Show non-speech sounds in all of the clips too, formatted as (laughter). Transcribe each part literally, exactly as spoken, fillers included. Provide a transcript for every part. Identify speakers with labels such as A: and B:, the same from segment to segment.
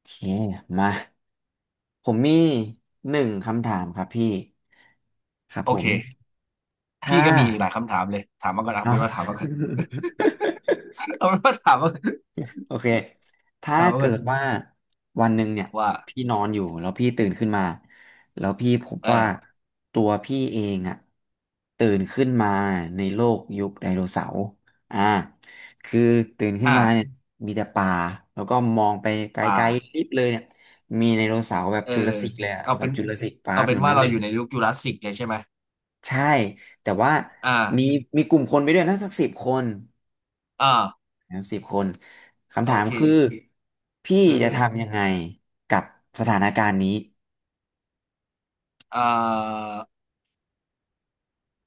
A: โอเคมาผมมีหนึ่งคำถามครับพี่ครับ
B: โอ
A: ผม
B: เคพี่
A: ถ้า
B: ก็มีหลายคำถามเลย ถามมาก่อนเอา
A: เนาะ
B: เป็นว่าถามมาก่อน
A: (laughs)
B: (laughs) เอาเป็นว่าถามมา
A: โอเค ถ้า
B: ถามมา
A: เกิ
B: ก่อน
A: ดว่าวันหนึ่งเนี่ย
B: ว่า
A: พี่นอนอยู่แล้วพี่ตื่นขึ้นมาแล้วพี่พบ
B: เอ
A: ว่า
B: อ
A: ตัวพี่เองอะตื่นขึ้นมาในโลกยุคไดโนเสาร์อ่าคือตื่นขึ้น
B: อ่ะ
A: มาเนี่ยมีแต่ป่าแล้วก็มองไปไก
B: ป่า
A: ลๆลิบเลยเนี่ยมีไดโนเสาร์แบบ
B: เออ
A: จุลสสิกเลยอะ
B: เอา
A: แบ
B: เป็
A: บ
B: น
A: จุลสสิกปาร์
B: เอา
A: ค
B: เป็
A: แบ
B: น
A: บ
B: ว่า
A: นั้น
B: เรา
A: เลย
B: อยู่ในยุคจูราสสิกเลยใช่ไหม
A: ใช่แต่ว่า
B: อ่า
A: มีมีกลุ่มคนไปด้วยนะสักสิบคน
B: อ่า
A: ทั้งสิบคนคำ
B: โอ
A: ถาม
B: เค
A: คือพี่
B: คื
A: จะ
B: อ
A: ทำยังไงกับสถานการณ์นี้
B: อ่า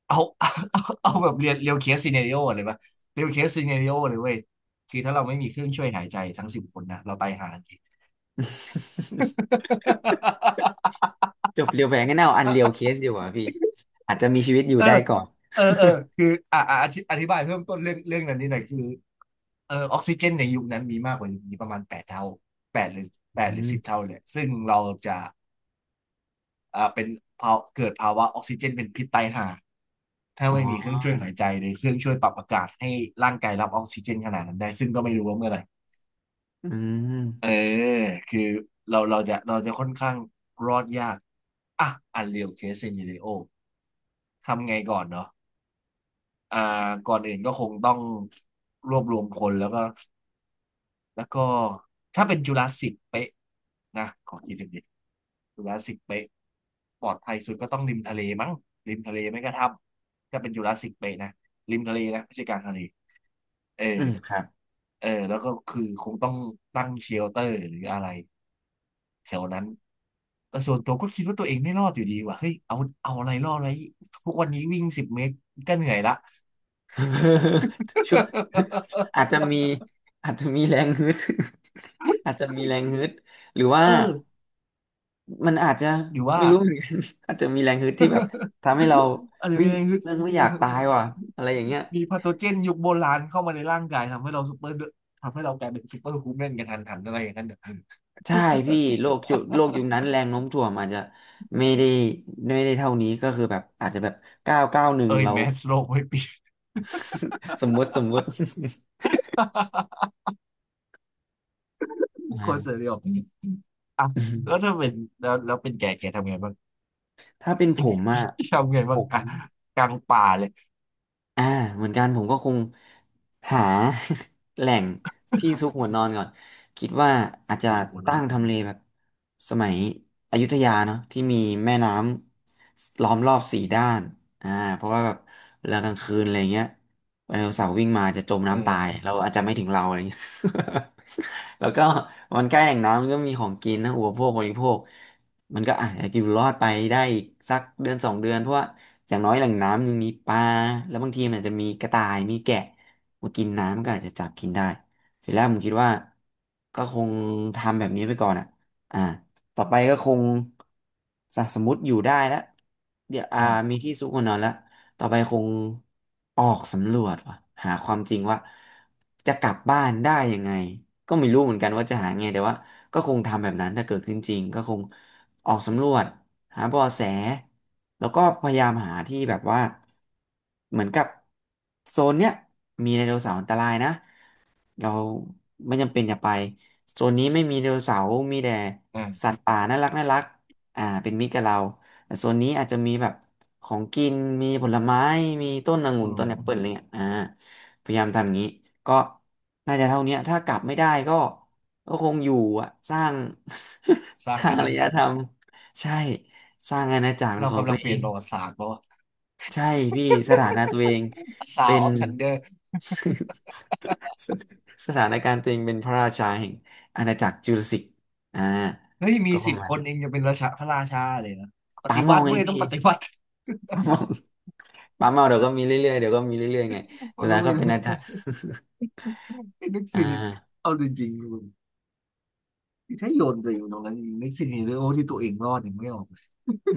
B: เอาเอา (laughs) เอาแบบเรียนเรียวเคสซีเนริโอเลยปะเรียวเคสซีเนริโอเลยเว้ยคือถ้าเราไม่มีเครื่องช่วยหายใจทั้งสิบคนนะเราตายหาทันที
A: (laughs) จบเรียวแหวงกันเอาอันเรียวเคสดีกว่าพี่อาจจะมีชีวิตอยู่
B: เออ
A: ได้ก่อน
B: เออเออคืออ่าอะอธิอธิบายเพิ่มต้นเรื่องเรื่องนั้นนิดหน่อยคือเออออกซิเจนในยุคนั้นมีมากกว่ายุคนี้ประมาณแปดเท่าแปดหรือแป
A: อื
B: ดหรือสิบ
A: ม
B: เท่าเลยซึ่งเราจะอ่าเป็นภาวะเกิดภาวะออกซิเจนเป็นพิษตายห่าถ้า
A: อ๋อ
B: ไม่มีเครื่องช่วยหายใจหรือเครื่องช่วยปรับอากาศให้ร่างกายรับออกซิเจนขนาดนั้นได้ซึ่งก็ไม่รู้ว่าเมื่อไหร่
A: อื
B: เออ
A: ม
B: คือเราเราจะเราจะค่อนข้างรอดยากอ่ะอันเรียลเคสเซ n เ r เรโอทำไงก่อนเนาะ อ่าก่อนอื่นก็คงต้องรวบรวมคนแล้วก็แล้วก็ถ้าเป็นจุลาสสิกเป๊ะนะขอคิดถึงดจุลาสสิกเป๊ะปลอดภัยสุดก็ต้องริมทะเลมั้งริมทะเลไม่ก็ถ้ำถ้าเป็นจุลาสสิกเป๊ะนะริมทะเลนะไม่ใช่กลางทะเลเออ
A: อืมครับ
B: เออแล้วก็คือคงต้องตั้งเชลเตอร์หรืออะไรแถวนั้นแต่ส่วนตัวก็คิดว่าตัวเองไม่รอดอยู่ดีว่ะเฮ้ยเอาเอาอะไรรอดไว้ทุกวันนี้วิ่งสิบเมตรก็เหนื่อยละ
A: (laughs) ช่วงอาจจะมีอาจจะมีแรงฮึด (laughs) อาจจะมีแรงฮึดหรือว่า
B: (laughs) เออ
A: มันอาจจะ
B: หรือว่า
A: ไม่รู้เหมือนกัน (laughs) อาจจะมีแรงฮึดที่แบบทำให้เรา
B: อาจจะ
A: เฮ้
B: มี
A: ย
B: แรงฮึด
A: เรื่องไม่อยากตายว่ะอะไรอย่างเงี้ย
B: มีพาโทเจนยุคโบราณเข้ามาในร่างกายทำให้เราซูเปอร์ทำให้เรากลายเป็นซูเปอร์ฮูแมนกันทันหันอะไรอย่างนั้นเนอะ
A: ใช่พี่โลกยุโลกยุคนั้นแรงโน้มถ่วงอาจจะไม่ได้ไม่ได้เท่านี้ก็คือแบบอาจจะแบบเก้าเก้าหนึ่ง
B: เอ้ย
A: เรา
B: แมสโลกไม่เปลี่ยน
A: (laughs) สมมติสมมติ (laughs)
B: (laughs) ค
A: อ่า
B: นเสรีออกอ่ะแล้วถ้าเป็นแล้วแล้วเป็นแกแกทำไงบ้าง
A: (laughs) ถ้าเป็นผมอ่ะ
B: ทำไง
A: ผ
B: บ้าง
A: ม
B: อ่ะกลางป่าเลย
A: อ่าเหมือนกันผมก็คงหา (laughs) แหล่งที่ซุกหัวนอนก่อนคิดว่าอาจจะ
B: ที่สมุน
A: ตั้
B: อน
A: งทำเลแบบสมัยอยุธยาเนาะที่มีแม่น้ำล้อมรอบสี่ด้านอ่าเพราะว่าแบบเวลากลางคืนอะไรเงี้ยไดโนเสาร์วิ่งมาจะจม
B: เอ
A: น้ำตาย
B: อ
A: เราอาจจะไม่ถึงเราอะไรเงี้ย (laughs) แล้วก็มันใกล้แหล่งน้ำมันก็มีของกินนะอุปโภคบริโภคมันก็อาจจะอยู่รอดไปได้อีกสักเดือนสองเดือนเพราะว่า อย่างน้อยแหล่งน้ำยังมีปลาแล้วบางทีมันอาจจะมีกระต่ายมีแกะมากินน้ำมันก็อาจจะจับกินได้ทีแรกผมคิดว่าก็คงทำแบบนี้ไปก่อนอ่ะอ่าต่อไปก็คงสสมมติอยู่ได้แล้วเดี๋ยวอ่า
B: อ่า
A: มีที่ซุกหัวนอนแล้วต่อไปคงออกสำรวจว่ะหาความจริงว่าจะกลับบ้านได้ยังไงก็ไม่รู้เหมือนกันว่าจะหาไงแต่ว่าก็คงทำแบบนั้นถ้าเกิดขึ้นจริงก็คง ออกสำรวจหาเบาะแสแล้วก็พยายามหาที่แบบว่าเหมือนกับโซนเนี้ยมีไดโนเสาร์อันตรายนะเราไม่จำเป็นอย่าไปโซนนี้ไม่มีไดโนเสาร์มีแต่สั
B: อ่า
A: ตว์ป่าน่ารักน่ารักอ่าเป็นมิตรกับเราแต่โซนนี้อาจจะมีแบบของกินมีผลไม้มีต้นอ
B: อื
A: งุ่นต้
B: ม
A: นแอปเปิลอะไรเงี้ยอ่าพยายามทำอย่างนี้ก็น่าจะเท่านี้ถ้ากลับไม่ได้ก็ ก็คงอยู่อะสร้าง
B: ส
A: (laughs)
B: ร้า
A: ส
B: ง
A: ร้าง
B: อา
A: อา
B: ณา
A: รย
B: จัก
A: ธ
B: ร
A: รรมใช่สร้างอาณาจักรเป็น
B: เรา
A: ของ
B: กำ
A: ตั
B: ลั
A: ว
B: งเป
A: เอ
B: ลี่ยน
A: ง
B: ประวัติศาสตร์ป่าว
A: ใช่พี่สถานะตัวเอง
B: ซา
A: เป็
B: ว
A: น
B: ออฟทันเดอร์
A: (laughs) สสถานการณ์ตัวเองเป็นพระราชาแห่งอาณาจักรจูราสสิกอ่า
B: เฮ้ยมี
A: ก็ป
B: สิ
A: ระ
B: บ
A: มา
B: ค
A: ณ
B: นเอง
A: นี้
B: จะเป็นราชาพระราชาเลยนะป
A: ป๋า
B: ฏิวั
A: เมา
B: ติ
A: ไง
B: เว้ยต้อง
A: พี่
B: ปฏิวัติ
A: ป๋าเมาป๋าเมาเดี๋ยวก็มีเรื่อยๆเดี๋ยวก็มีเรื่อยๆไง
B: โอ
A: สุด
B: โน
A: ท้าย
B: ไมิ
A: ก็
B: เล
A: เป็นอาจาร
B: ส
A: ย์
B: ไอ้ (laughs) นึก
A: (laughs) อ่า
B: ซินิตเอาจริงๆมึงถ้าโยนตัวเองตรงนั้นจริงนึกซินิตเลยโอ้ที่ตัวเองรอดอย่างไม่ออก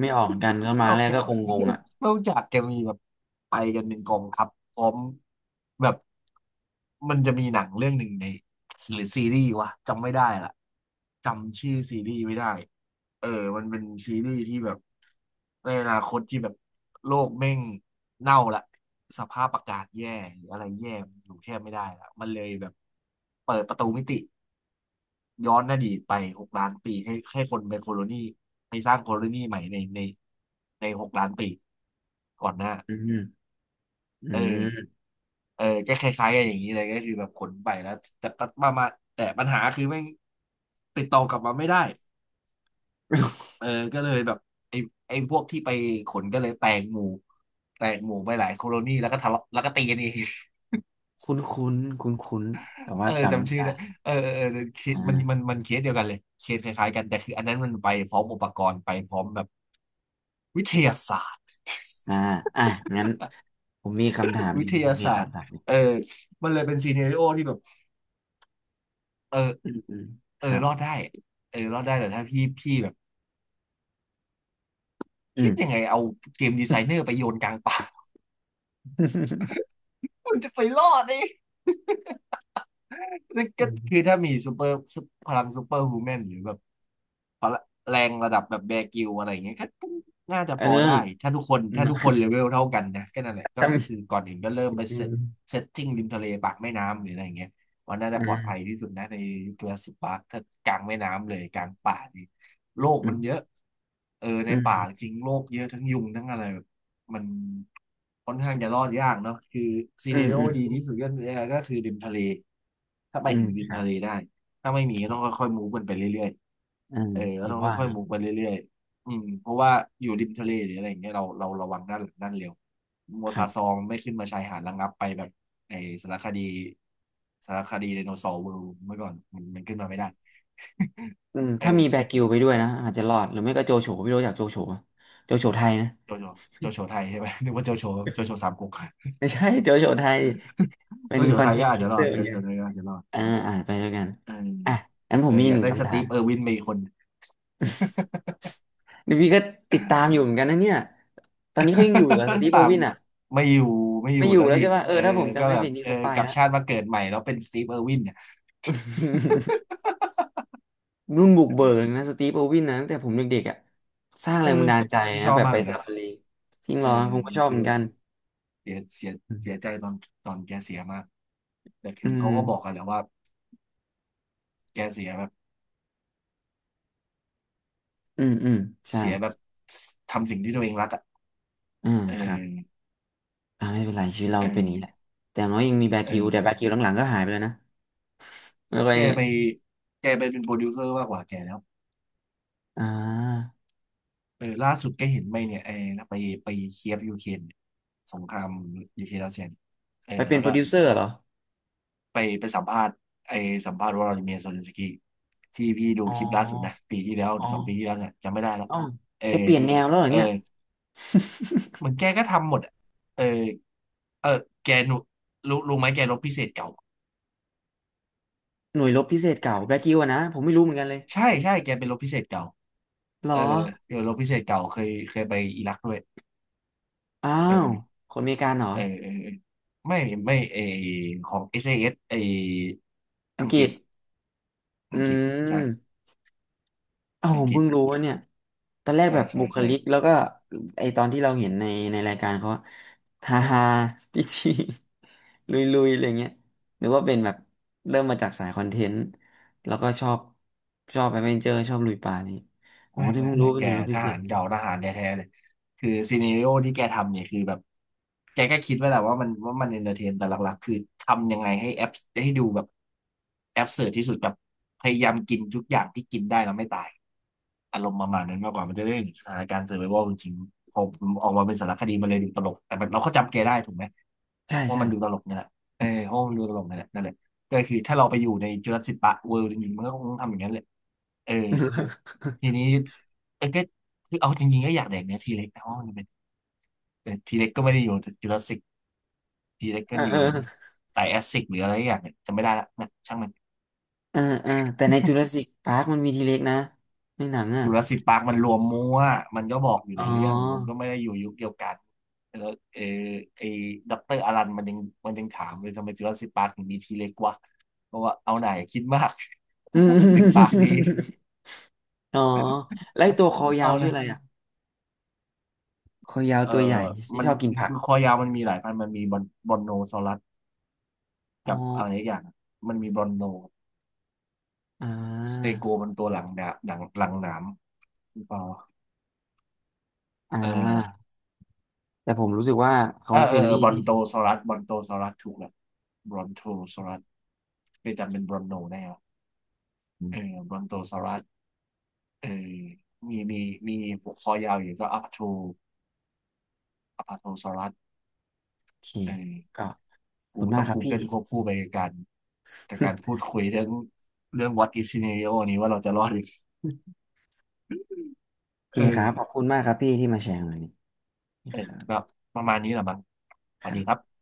A: ไม่ออกเหมือนกันก็มา
B: นอ
A: แร
B: ก
A: ก
B: จาก
A: ก็คงงงอ่ะ
B: (laughs) นอกจากจะมีแบบไปกันเป็นกองทัพพร้อมแบบมันจะมีหนังเรื่องหนึ่งในหรือซีรีส์วะจำไม่ได้ละจำชื่อซีรีส์ไม่ได้เออมันเป็นซีรีส์ที่แบบในอนาคตที่แบบโลกแม่งเน่าละสภาพอากาศแย่หรืออะไรแย่อยู่แทบไม่ได้ละมันเลยแบบเปิดประตูมิติ ย้อนอดีตไปหกล้านปีให้ให้คนเป็นโคโลนีให้สร้างโคโลนีใหม่ในในในหกล้านปีก่อนหน้า
A: อืมอื
B: เอ
A: ม
B: อเออก็คล้ายๆกันอย่างนี้เลยก็คือแบบขนไปแล้วแต่ก็มามาแต่ปัญหาคือแม่งติดต่อกลับมาไม่ได้เออก็เลยแบบไอ้ไอ้พวกที่ไปขนก็เลยแตกหมู่แตกหมู่ไปหลายโคโลนีแล้วก็ทะเลาะแล้วก็ตีกันเอง
A: คุ้นคุ้นคุ้นคุ้นๆแต่
B: (laughs)
A: ว่า
B: เออ
A: จำไม่
B: จำชื่อ
A: ได้
B: ได้เออเออเออเคสมัน
A: อ่า
B: มันมันเคสเดียวกันเลยเคสคล้ายๆกันแต่คืออันนั้นมันไปพร้อมอุปกรณ์ไปพร้อมแบบวิทยาศาสตร์
A: อ่าอ่ะงั้นผมมีคำถามห
B: วิ
A: นึ่ง
B: ท
A: ผ
B: ยา
A: มมี
B: ศาสตร์
A: คำถามหนึ่ง
B: เออมันเลยเป็นซีเน r ร o โอที่แบบ เอ
A: อื
B: อ
A: มอืม
B: เอ
A: ครั
B: อ
A: บ
B: รอดได้ เออรอดได้แต่ถ้าพี่พี่แบบ
A: อื
B: คิ
A: ม
B: ดยังไงเอาเกมดีไซเนอร์ไปโยนกลางป่า
A: (laughs)
B: (laughs) มันจะไปรอดได้ นั่น
A: อื
B: ก็คือ
A: ม
B: ถ้ามีซูเปอร์พลังซูเปอร์ฮูแมนหรือแบบพละแรงระดับแบบแบร์กิลอะไรอย่างเงี้ยก็ก็น่าจะ
A: เออ
B: พอได้
A: (laughs)
B: ถ้าทุกคน
A: อื
B: ถ้าทุกคน
A: ม
B: เลเวลเท่ากันนะก็นั่นแหละก็
A: ถ้ามี
B: คือก่อนอื่นก็เริ่มไป
A: อื
B: เซต
A: ม
B: เซตติ้งริมทะเลปากแม่น้ำหรืออะไรอย่างเงี้ยว่าน่า
A: อื
B: จะปลอดภัย
A: ม
B: ที่สุดนะในยุคจูราสสิคปาร์คถ้ากลางแม่น้ำเลยกลางป่านี่โลก
A: อื
B: มันเยอะ
A: ม
B: เออใน
A: อืม
B: ป่าจริงโลกเยอะทั้งยุงทั้งอะไร มันค่อนข้างจะรอดยากเนาะคือซี
A: อื
B: เน
A: ม
B: โร
A: อื
B: ดี
A: ม
B: ที่สุดก็คก็คือริมทะเลถ้าไป
A: อืม
B: ถึงริม
A: ครับ
B: ทะเลได้ถ้าไม่มีก็ต้องค่อยๆมูฟกันไปเรื่อย
A: อื
B: ๆ
A: ม
B: เออ
A: อ
B: ก็
A: ย่า
B: ต้
A: ง
B: อง
A: ว่า
B: ค่อ
A: เน
B: ยๆ
A: อะ
B: มูฟไปเรื่อยๆอืมเพราะว่าอยู่ริมทะเลหรืออะไรอย่างเงี้ยเราเราระวังด้านหลังด้านเร็วโม
A: ครั
B: ซาซอ
A: บ
B: งไม่ขึ้นมาชายหาดระงับไปแบบไอสารคดีสารคดีไดโนเสาร์เวิลด์เมื่อก่อนมันมันขึ้นมาไม่ได้
A: อืม
B: (laughs) เอ
A: ถ้ามีแบ
B: อ
A: กิวไปด้วยนะอาจจะรอดหรือไม่ก็โจโฉไม่รู้จักโจโฉปะโจโฉไทยนะ
B: โจโฉโจโฉไทยใช่ไหมนึกว่าโจโฉโจโฉสามก๊ก
A: ไม่ใช่ (laughs) โจโฉไทยเป็
B: โจ
A: น
B: โฉ
A: คอ
B: ไท
A: น
B: ย
A: เท
B: ก็
A: นต์
B: อา
A: ค
B: จ
A: รี
B: จะ
A: เอ
B: ร
A: เต
B: อ
A: อ
B: ด
A: ร์เห
B: โจ
A: มือนกั
B: โฉ
A: น
B: ไทยก็อาจจะรอด
A: อ่าอ่าไปด้วยกัน
B: เออ
A: อ่ะงั้นผ
B: เอ
A: ม
B: อ
A: มี
B: อ
A: อีก
B: ยา
A: ห
B: ก
A: นึ่ง
B: ได้ส
A: คำถา
B: ตี
A: ม
B: ฟเออร์วินมอีกคน
A: ดีพี่ก็ติดตามอยู่เหมือนกันนะเนี่ย ตอนนี้เขายังอยู่เหรอส
B: (laughs)
A: ตีฟโบ
B: ตาม
A: วิน
B: ดิ
A: อ่ะ
B: ไม่อยู่ไม่อ
A: ไม่
B: ยู่
A: อยู่
B: แล้ว
A: แล้ว
B: ดิ
A: ใช่ป่ะเออ
B: เออ
A: ถ้าผม
B: ก็
A: จำไม่
B: แบ
A: ผิ
B: บ
A: ดนี่
B: เออ
A: เขาไป
B: กลับ
A: แล้ว
B: ชาติมาเกิดใหม่แล้วเป็นสตีฟเออร์วินเนี่ย
A: (laughs) รุ่นบุกเบิกเลยนะสตีฟโบวินนะตั้งแต่ผมเด็กๆอ่ะสร้าง
B: เอ
A: แร
B: อ
A: งบันดาลใจ
B: ที่ช
A: นะ
B: อบ
A: แบบ
B: มาก
A: ไป
B: เลย
A: ซา
B: นะ
A: ฟารีจริง
B: เอ
A: เหร
B: อ
A: อผมก็ชอบเห
B: คือ
A: มือน
B: แบ
A: กั
B: บ
A: น
B: เสียเสียเสียใจตอนตอนแกเสียมากแต่คื
A: อื
B: อเขา
A: ม
B: ก็บอกกันแหล้วว่าแกเสียแบบ
A: อืมอืมใช่
B: เสียแบบทำสิ่งที่ตัวเองรักอ่ะ
A: อ่า
B: เอ
A: ครับ
B: อ
A: อ่าไม่เป็นไรชีวิตเรา
B: เอ
A: เป็นอย่างนี้แห
B: อ
A: ละแต่อย่างน้อยยังมีแบ
B: เอ
A: กิว
B: อ
A: แต่แบกิวหลังๆก็หายไปแล้วนะแล้วไป
B: แกไปแกไปเป็นโปรดิวเซอร์มากกว่าแกแล้ว
A: อ่า
B: เออล่าสุดก็เห็นไปเนี่ยเออไปไปเคียฟยูเครนเนี่ยสงครามยูเครนรัสเซียเออ
A: ไปเป็น
B: แล้ว
A: โปร
B: ก็
A: ดิวเซอร์เหรอ
B: ไปไปสัมภาษณ์ไอสัมภาษณ์วลาดิเมียร์โซเลนสกี้ที่พี่ดู
A: อ๋อ
B: คลิปล่าสุดนะปีที่แล้วห
A: อ๋
B: รื
A: อ
B: อสองปีที่แล้วเนี่ยจำไม่ได้แล้ว
A: อ๋อ
B: เออ
A: แกเปลี่ยนแนวแล้วเหรอ
B: เออ
A: เนี่ย
B: เหมือนแกก็ทำหมดอะเออเออแกหนูรู้รู้ไหมแกรบพิเศษเก่า
A: หน่วยรบพิเศษเก่าแบล็กกิวอะนะผมไม่รู้เหมือนกันเลย
B: ใช่ใช่แกเป็นรบพิเศษเก่า
A: หรอ
B: เออเดี๋ยวรบพิเศษเก่าเคยเคยไปอิรักด้วย
A: อ้า
B: เอ
A: ว
B: อ
A: คนอเมริกันเหรอ
B: เออเออเออไม่ไม่เออของ เอส เอ เอส เอเอสไอ
A: อั
B: อั
A: ง
B: ง
A: ก
B: ก
A: ฤ
B: ฤษ
A: ษอื
B: อังกฤษใช่
A: มอ้าว
B: อั
A: ผ
B: ง
A: ม
B: กฤษ
A: เพิ่งรู้
B: อังกฤ
A: ว่า
B: ษ
A: เนี่ยตอนแรก
B: ใช่
A: แบบ
B: ใช่
A: บุคลิก
B: ใช่
A: แล้วก็ไอตอนที่เราเห็นในในรายการเขาอะฮาฮา (laughs) จีจีลุยลุยๆอะไรเงี้ยหรือว่าเป็นแบบเริ่มมาจากสายคอนเทนต์แล้วก็ชอบชอบแอดเวนเจอร์ชอบลุยป่านี่อ๋อ
B: ไม่
A: ที่
B: ไม่
A: เพิ่งรู้
B: ไม่
A: เป็น
B: แก
A: หน่วยรบ
B: ท
A: พิเศ
B: หา
A: ษ
B: รเก่าทหารแท้ๆเลยคือซีเนริโอที่แกทำเนี่ยคือแบบแกก็คิดไว้แหละว่ามันว่ามันเอนเตอร์เทนแต่หลักๆคือทำยังไงให้แอปให้ดูแบบแอปเสิร์ที่สุดกับพยายามกินทุกอย่างที่กินได้แล้วไม่ตายอารมณ์ประมาณนั้นมากกว่ามันจะได้เห็นสถานการณ์เซอร์ไววัลจริงๆพอออกมาเป็นสารคดีมันเลยดูตลกแต่มันเราก็จำแกได้ถูกไหม
A: ใช่
B: ว่า
A: ใช่
B: มันดูตลกนี่แหละเออเพราะว่ามันดูตลกนี่แหละนั่นแหละ ก็คือถ้าเราไปอยู่ในจุลศิลปะเวิลด์จริงๆมันก็คงต้องทำอย่างนั้นแหละเออ
A: (laughs)
B: ทีนี้เออก็คือเอาจริงๆก็อยากแดกเนื้อทีเล็กแต่ว่ามันเป็นแต่ทีเล็กก็ไม่ได้อยู่จุลศิลป์ทีเล็ก
A: เอ
B: ก็
A: อ
B: อ
A: เอ
B: ยู่
A: อ
B: ไดแอสซิกหรืออะไรอย่างเนี่ยจำไม่ได้ละนะช่างมัน
A: อ่าอ่าแต่ในจูราสสิกพาร์คมันมีทีเล็กนะในหนังอ่ะ
B: จุลศิลป์ปาร์คมันรวมมั่วมันก็บอกอยู่
A: อ๋อ
B: ในเรื่องมันก็ไม่ได้อยู่ยุคเดียวกันแล้วเออไอ้ด็อกเตอร์อารันมันยังมันยังถามเลยทำไมจุลศิลป์ปาร์คถึงมีทีเล็กวะเพราะว่าเอาไหนคิดมาก
A: (laughs) อื
B: (laughs) มันติดปาก
A: ม
B: ดี
A: อ๋อแล้วไอ้ตัวคอยา
B: เอา
A: ว
B: ไหน
A: ชื่ออะไรอ่ะคอยาว
B: เอ่อ
A: ตัวใหญ่ที่
B: มัน
A: ชอบกินผัก
B: คอยาวมันมีหลายพันธุ์มันมีบอนบอนโนซอรัส
A: อ๋อ
B: กับอะไรอีกอย่าง มันมีบอนโน
A: อ่
B: สเต
A: า
B: โกมันตัวหลังดาหลังหลังหนามหรือเปล่า
A: อ่
B: เอ
A: า
B: อ
A: แต่ผมรู้สึกว่าเขา
B: เออ
A: เฟ
B: เอ
A: ร
B: อ
A: น
B: เออ
A: ลี่
B: บอ
A: ดี
B: นโตซอรัสบอนโตซอรัสถูกแล้วบอนโทซอรัสไปจำเป็นบอนโนแนรอะ
A: อื
B: เออ
A: ม
B: บอนโตซอรัสเออมีมีมีหัวคอยาวอยู่ก็อัพโทอัพโทซอรัส
A: โอเค
B: เออ
A: ก็ขอบ
B: กู
A: คุณมา
B: ต้
A: ก
B: อง
A: ครับ
B: กู
A: พี่
B: เกิ
A: (laughs)
B: ลควบคู่ไปกับการจากบการพูดคุยเรื่องเรื่อง what if scenario นี้ว่าเราจะรอดหรือ
A: โอเค
B: เอ
A: ค
B: อ
A: รับขอบคุณมากครับพี่ที่มาแชร์วันนี้
B: เออ
A: ครั
B: ก็
A: บ
B: ประมาณนี้แหละมั้งส
A: ค
B: วัส
A: รั
B: ดีครั
A: บ
B: บ